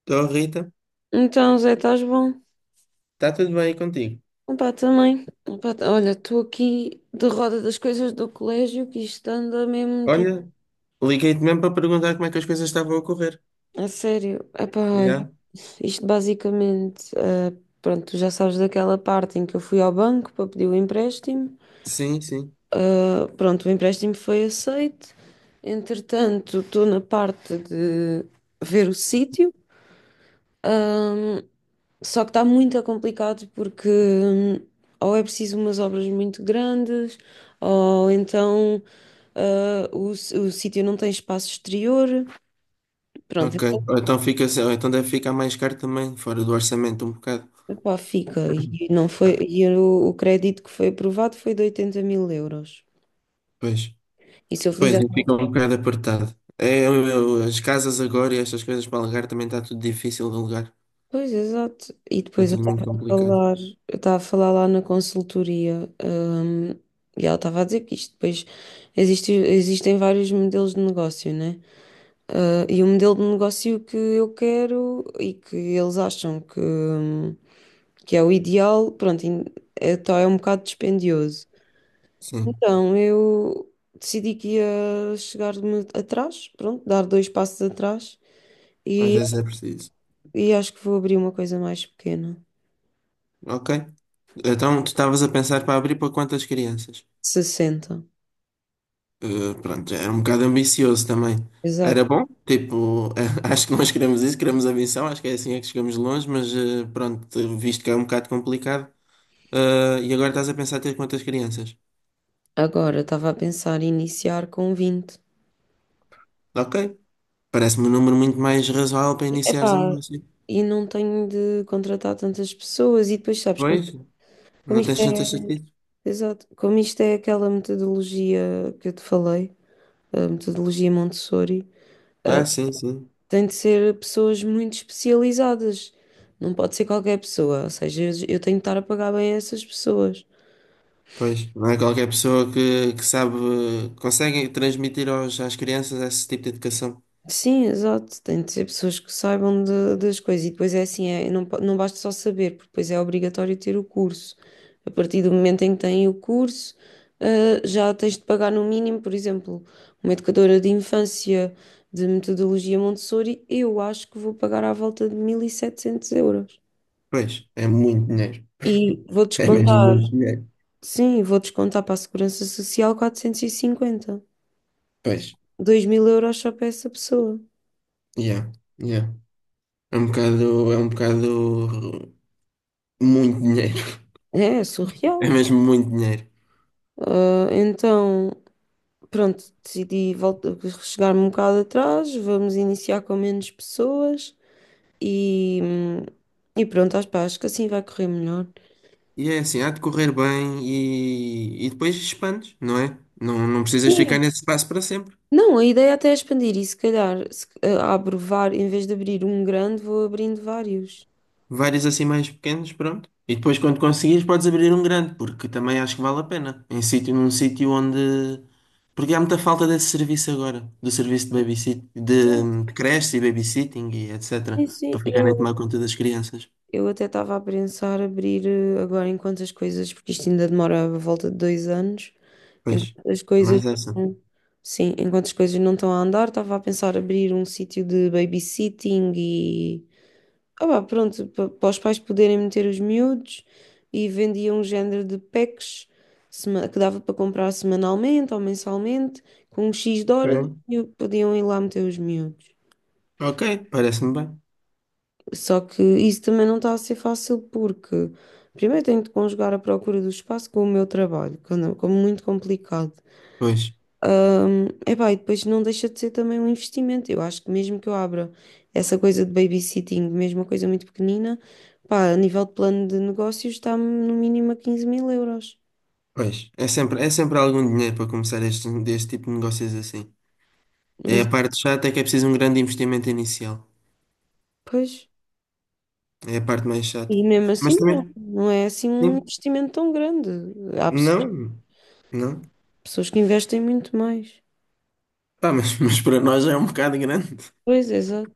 Estou, Rita. Então, Zé, estás bom? Está tudo bem aí contigo? Opa, também. Opa, olha, estou aqui de roda das coisas do colégio que isto anda mesmo de... Olha, liguei-te mesmo para perguntar como é que as coisas estavam a ocorrer. A sério. Epá, olha, Yeah. isto basicamente, pronto, tu já sabes daquela parte em que eu fui ao banco para pedir o empréstimo. Sim, sim. Pronto, o empréstimo foi aceito. Entretanto, estou na parte de ver o sítio. Só que está muito complicado porque ou é preciso umas obras muito grandes, ou então o sítio não tem espaço exterior. Pronto, Ok. então Ou então fica, ou então deve ficar mais caro também, fora do orçamento um bocado. epá, fica. E, não foi, Ah, e o crédito que foi aprovado foi de 80 mil euros. pois. E se eu Pois, fizer. e fica um bocado apertado. É, as casas agora e estas coisas para alugar também está tudo difícil de alugar. Pois, exato. E Está depois eu tudo estava muito a complicado. falar, eu estava a falar lá na consultoria, e ela estava a dizer que isto depois existem vários modelos de negócio, né? E o modelo de negócio que eu quero e que eles acham que é o ideal, pronto, é, tá, é um bocado dispendioso. Sim, Então eu decidi que ia chegar-me atrás, pronto, dar dois passos atrás às e, vezes é preciso. e acho que vou abrir uma coisa mais pequena, Ok. Então, tu estavas a pensar para abrir para quantas crianças? 60. Pronto, é um bocado ambicioso também. Exato. Era bom, tipo, acho que nós queremos isso, queremos a acho que é assim é que chegamos longe, mas pronto, visto que é um bocado complicado, e agora estás a pensar ter quantas crianças? Agora estava a pensar em iniciar com 20. Ok, parece-me um número muito mais razoável para E, iniciares um epá, negócio. e não tenho de contratar tantas pessoas e depois sabes como, Pois, como não isto tens é. tantas estatísticas? Exato. Como isto é aquela metodologia que eu te falei, a metodologia Montessori, eh, Ah, sim, sim. tem de ser pessoas muito especializadas. Não pode ser qualquer pessoa. Ou seja, eu tenho de estar a pagar bem a essas pessoas. Pois, não é qualquer pessoa que sabe, consegue transmitir aos, às crianças esse tipo de educação. Sim, exato. Tem de ser pessoas que saibam das coisas. E depois é assim, é, não, não basta só saber, porque depois é obrigatório ter o curso. A partir do momento em que têm o curso, já tens de pagar no mínimo, por exemplo, uma educadora de infância de metodologia Montessori, eu acho que vou pagar à volta de 1.700 euros. Pois, é muito dinheiro. E vou É mesmo descontar, muito dinheiro. sim, vou descontar para a Segurança Social 450, Pois, 2.000 euros só para essa pessoa. yeah. Yeah. É um bocado muito dinheiro. É, é É surreal. mesmo muito dinheiro. Então. Pronto, decidi voltar chegar-me um bocado atrás, vamos iniciar com menos pessoas e, e pronto, acho, pá, acho que assim vai correr melhor. E é assim, há de correr bem e depois expandes, não é? Não, não precisas Sim. ficar nesse espaço para sempre. Não, a ideia até é expandir e se calhar se, em vez de abrir um grande, vou abrindo vários. Vários assim mais pequenos, pronto. E depois quando conseguires podes abrir um grande, porque também acho que vale a pena. Num sítio onde. Porque há muita falta desse serviço agora, do serviço de babysit, Sim, de creche e babysitting e sim, etc. Para sim. ficarem a tomar Eu, conta das crianças. Eu até estava a pensar abrir agora enquanto as coisas, porque isto ainda demora a volta de 2 anos, Pois, enquanto as coisas, mais essa. sim, enquanto as coisas não estão a andar, estava a pensar abrir um sítio de babysitting e, pá, pronto, para os pais poderem meter os miúdos e vendia um género de packs que dava para comprar semanalmente ou mensalmente, com um X de horas Ok. e podiam ir lá meter os miúdos. Ok, parece-me bem. Só que isso também não está a ser fácil porque primeiro tenho de conjugar a procura do espaço com o meu trabalho, que como muito complicado. Pois, Epá, e depois não deixa de ser também um investimento. Eu acho que mesmo que eu abra essa coisa de babysitting, mesmo uma coisa muito pequenina, pá, a nível de plano de negócios está-me no mínimo a 15.000 euros. pois. É sempre algum dinheiro para começar deste tipo de negócios assim. É Mas, a parte chata, é que é preciso um grande investimento inicial. pois. É a parte mais chata. E mesmo assim Mas também, não é assim um sim, investimento tão grande. Há pessoas não, não. Que investem muito mais. Pá, mas, mas para nós é um bocado grande. Pois, exato.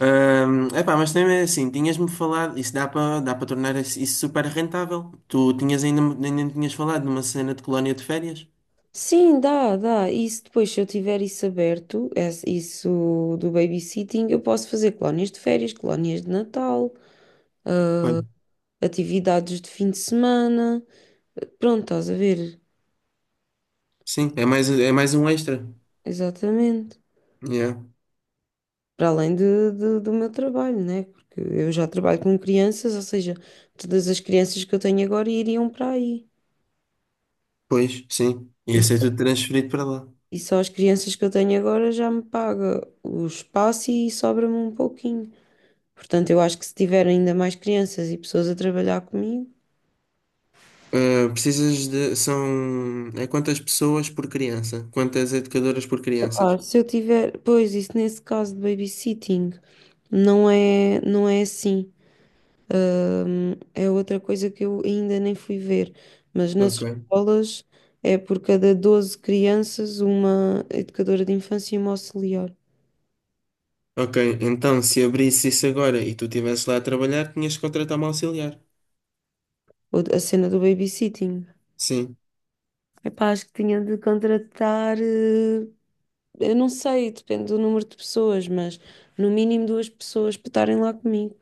Epá, mas também é assim, tinhas-me falado, isso dá para tornar isso super rentável. Tu tinhas ainda me tinhas falado numa cena de colónia de férias? Sim, dá, dá. Isso depois, se eu tiver isso aberto, isso do babysitting, eu posso fazer colónias de férias, colónias de Natal, Foi. atividades de fim de semana. Pronto, estás a ver? Sim, é mais um extra. Exatamente. Yeah. Para além de, do meu trabalho, né? Porque eu já trabalho com crianças, ou seja, todas as crianças que eu tenho agora iriam para aí. Pois, sim. E, Ia ser tudo transferido para lá. e só as crianças que eu tenho agora já me paga o espaço e sobra-me um pouquinho. Portanto, eu acho que se tiver ainda mais crianças e pessoas a trabalhar comigo. Ah, precisas de. São. É quantas pessoas por criança? Quantas educadoras por criança? Se eu tiver, pois isso nesse caso de babysitting não é assim. É outra coisa que eu ainda nem fui ver, mas nas Ok, escolas é por cada 12 crianças uma educadora de infância e uma auxiliar. ok. Então, se abrisse isso agora e tu estivesse lá a trabalhar, tinhas que contratar uma auxiliar. Ou a cena do babysitting. Sim, Epá, acho que tinha de contratar, eu não sei, depende do número de pessoas, mas no mínimo 2 pessoas para estarem lá comigo.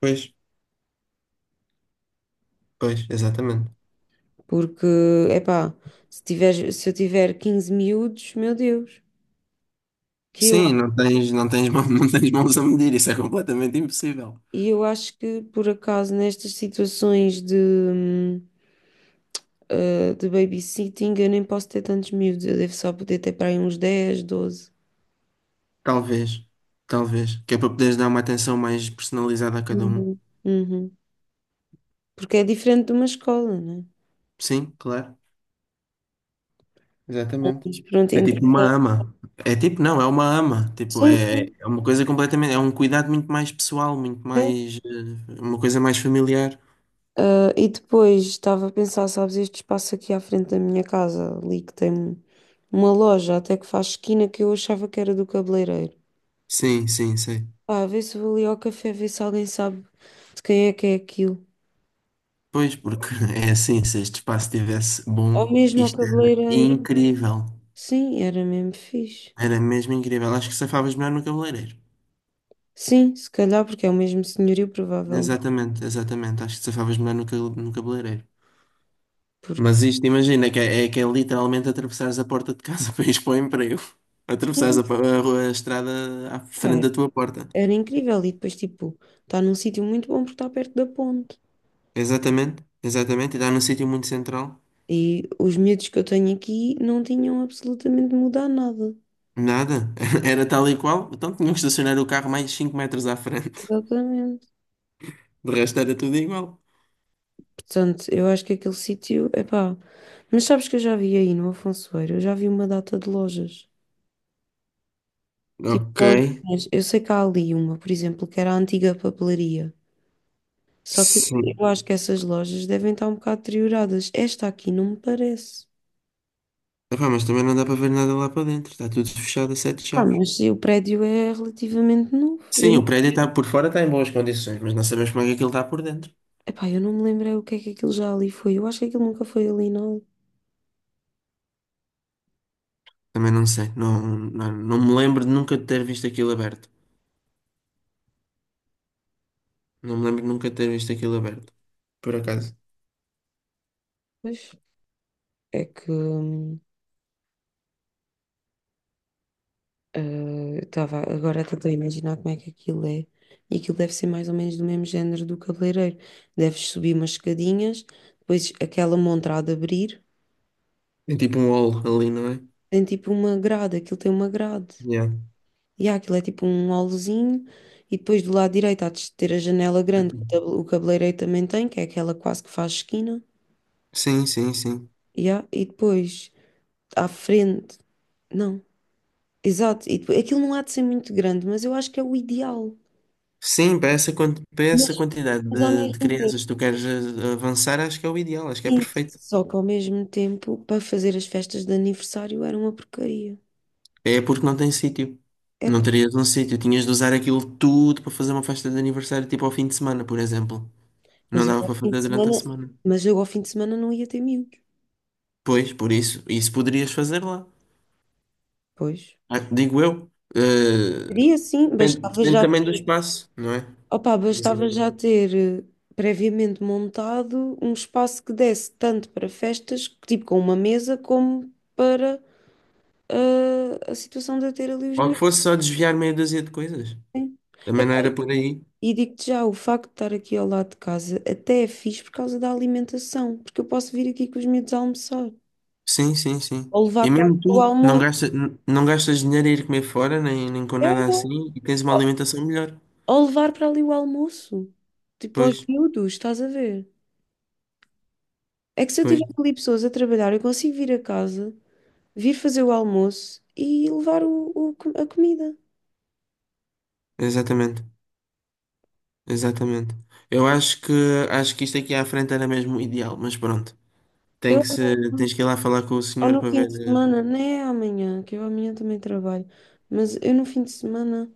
pois, pois, exatamente. Porque, epá, se tiver, se eu tiver 15 miúdos, meu Deus, que eu, Sim, não tens, não tens mãos a medir, isso é completamente impossível. e eu acho que por acaso nestas situações de, de babysitting eu nem posso ter tantos miúdos, eu devo só poder ter para aí uns 10 12. Talvez, talvez, que é para poderes dar uma atenção mais personalizada a cada um. Uhum. Uhum. Porque é diferente de uma escola, né? Sim, claro, exatamente. Mas pronto, É então. tipo uma ama. É tipo, não, é uma ama. Tipo, Sim, é, sim, é uma coisa completamente, é um cuidado muito mais pessoal, muito sim. mais, uma coisa mais familiar. E depois estava a pensar, sabes, este espaço aqui à frente da minha casa, ali que tem uma loja até que faz esquina que eu achava que era do cabeleireiro. Sim, sim, sim. Pá, vê se vou ali ao café, ver se alguém sabe de quem é que é aquilo. Pois, porque é assim, se este espaço estivesse bom, Ou mesmo ao isto era cabeleireiro. incrível. Sim, era mesmo fixe. Era mesmo incrível. Acho que safavas melhor no cabeleireiro. Sim, se calhar porque é o mesmo senhorio, provavelmente. Exatamente, exatamente. Acho que safavas melhor no cabeleireiro. Porque Mas isto, imagina, é que é literalmente atravessares a porta de casa para ir para o emprego. Atravessares sim, a, pa- a rua- a estrada à frente era, da tua porta. era incrível. E depois, tipo, está num sítio muito bom porque está perto da ponte. Exatamente, exatamente. E dá num sítio muito central. E os medos que eu tenho aqui não tinham absolutamente de mudar nada. Nada. Era tal e qual. Então tinham que estacionar o carro mais 5 metros à frente. Exatamente. De resto era tudo igual. Portanto, eu acho que aquele sítio, é pá. Mas sabes que eu já vi aí no Afonso eu já vi uma data de lojas. Tipo, Ok. lojinhas. Eu sei que há ali uma, por exemplo, que era a antiga papelaria. Só que Sim. eu acho que essas lojas devem estar um bocado deterioradas. Esta aqui não me parece. Epá, mas também não dá para ver nada lá para dentro. Está tudo fechado a sete chaves. Mas o prédio é relativamente novo. Eu Sim, o não, prédio está por fora está em boas condições, mas não sabemos como é que aquilo está por dentro. epá, eu não me lembrei o que é que aquilo já ali foi. Eu acho que aquilo nunca foi ali, não. Também não sei. Não, não, não me lembro de nunca ter visto aquilo aberto. Não me lembro de nunca ter visto aquilo aberto. Por acaso. Pois é que eh, eu estava agora a tentar imaginar como é que aquilo é. E aquilo deve ser mais ou menos do mesmo género do cabeleireiro. Deves subir umas escadinhas, depois aquela montra há de abrir. É tipo um hall ali, não é? Tem tipo uma grade, aquilo tem uma grade. Yeah. E há, aquilo é tipo um holozinho. E depois do lado direito há de ter a janela grande, que o o cabeleireiro também tem, que é aquela quase que faz esquina. Sim, sim, sim. E, há, e depois à frente. Não, exato. E depois, aquilo não há de ser muito grande, mas eu acho que é o ideal. Sim, para Mas, essa quantidade mas ao de mesmo crianças tempo. que tu queres avançar, acho que é o ideal, acho que é Sim, perfeito. só que ao mesmo tempo, para fazer as festas de aniversário era uma porcaria. É porque não tem sítio. Não Epá, terias um sítio. Tinhas de usar aquilo tudo para fazer uma festa de aniversário, tipo ao fim de semana, por exemplo. mas Não eu dava ao para fim fazer de durante semana, a semana. mas eu ao fim de semana não ia ter miúdos. Pois, por isso, isso poderias fazer lá. Pois. Ah, digo eu. Seria sim, depende, bastava depende já também do ter, espaço, não é? opa, Não bastava já sabemos. ter eh, previamente montado um espaço que desse tanto para festas, tipo com uma mesa, como para a situação de eu ter ali os Ou que miúdos. fosse só desviar meia dúzia de coisas. Né? Também não Epá, era por aí. e digo-te já, o facto de estar aqui ao lado de casa até é fixe por causa da alimentação, porque eu posso vir aqui com os meus almoçar, Sim, sim, sim. ou levar E para ali mesmo o tu não almoço, gastas, não gastas dinheiro a ir comer fora, nem com é, nada é. assim, e tens uma alimentação melhor. Ou levar para ali o almoço, tipo aos Pois, miúdos, estás a ver? É que se eu pois, tiver ali pessoas a trabalhar, eu consigo vir a casa. Vir fazer o almoço e levar o, a comida. exatamente. Exatamente. Eu acho que isto aqui à frente era mesmo o ideal, mas pronto. Tem Eu, que ser, tens que ir lá falar com o ou senhor no para fim ver. de semana, nem é amanhã, que eu amanhã também trabalho, mas eu no fim de semana,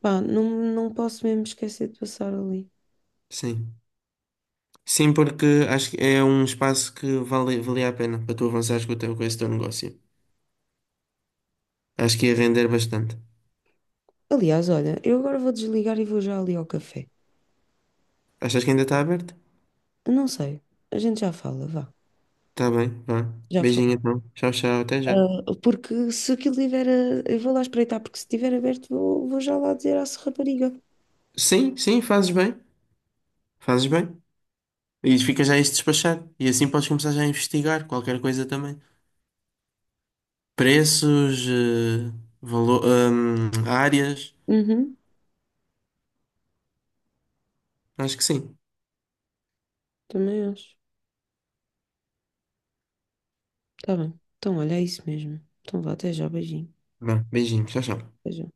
pá, não, não posso mesmo esquecer de passar ali. Sim. Sim, porque acho que é um espaço que valia a pena para tu avançares com com esse teu negócio. Acho que ia render bastante. Aliás, olha, eu agora vou desligar e vou já ali ao café. Achas que ainda está aberto? Eu não sei, a gente já fala, vá, Está bem, vá. já Beijinho fala. então. Tchau, tchau, até já. Porque se aquilo estiver, eu vou lá espreitar, porque se estiver aberto, vou já lá dizer à rapariga. Sim, sim, fazes bem. Fazes bem. E fica já isto despachado. E assim podes começar já a investigar qualquer coisa também. Preços, áreas. Uhum, Acho que sim. também acho. Tá bem. Então, olha, é isso mesmo. Então, vá, até já, beijinho. Tá bom, beijinho, tchau, tchau. Até já.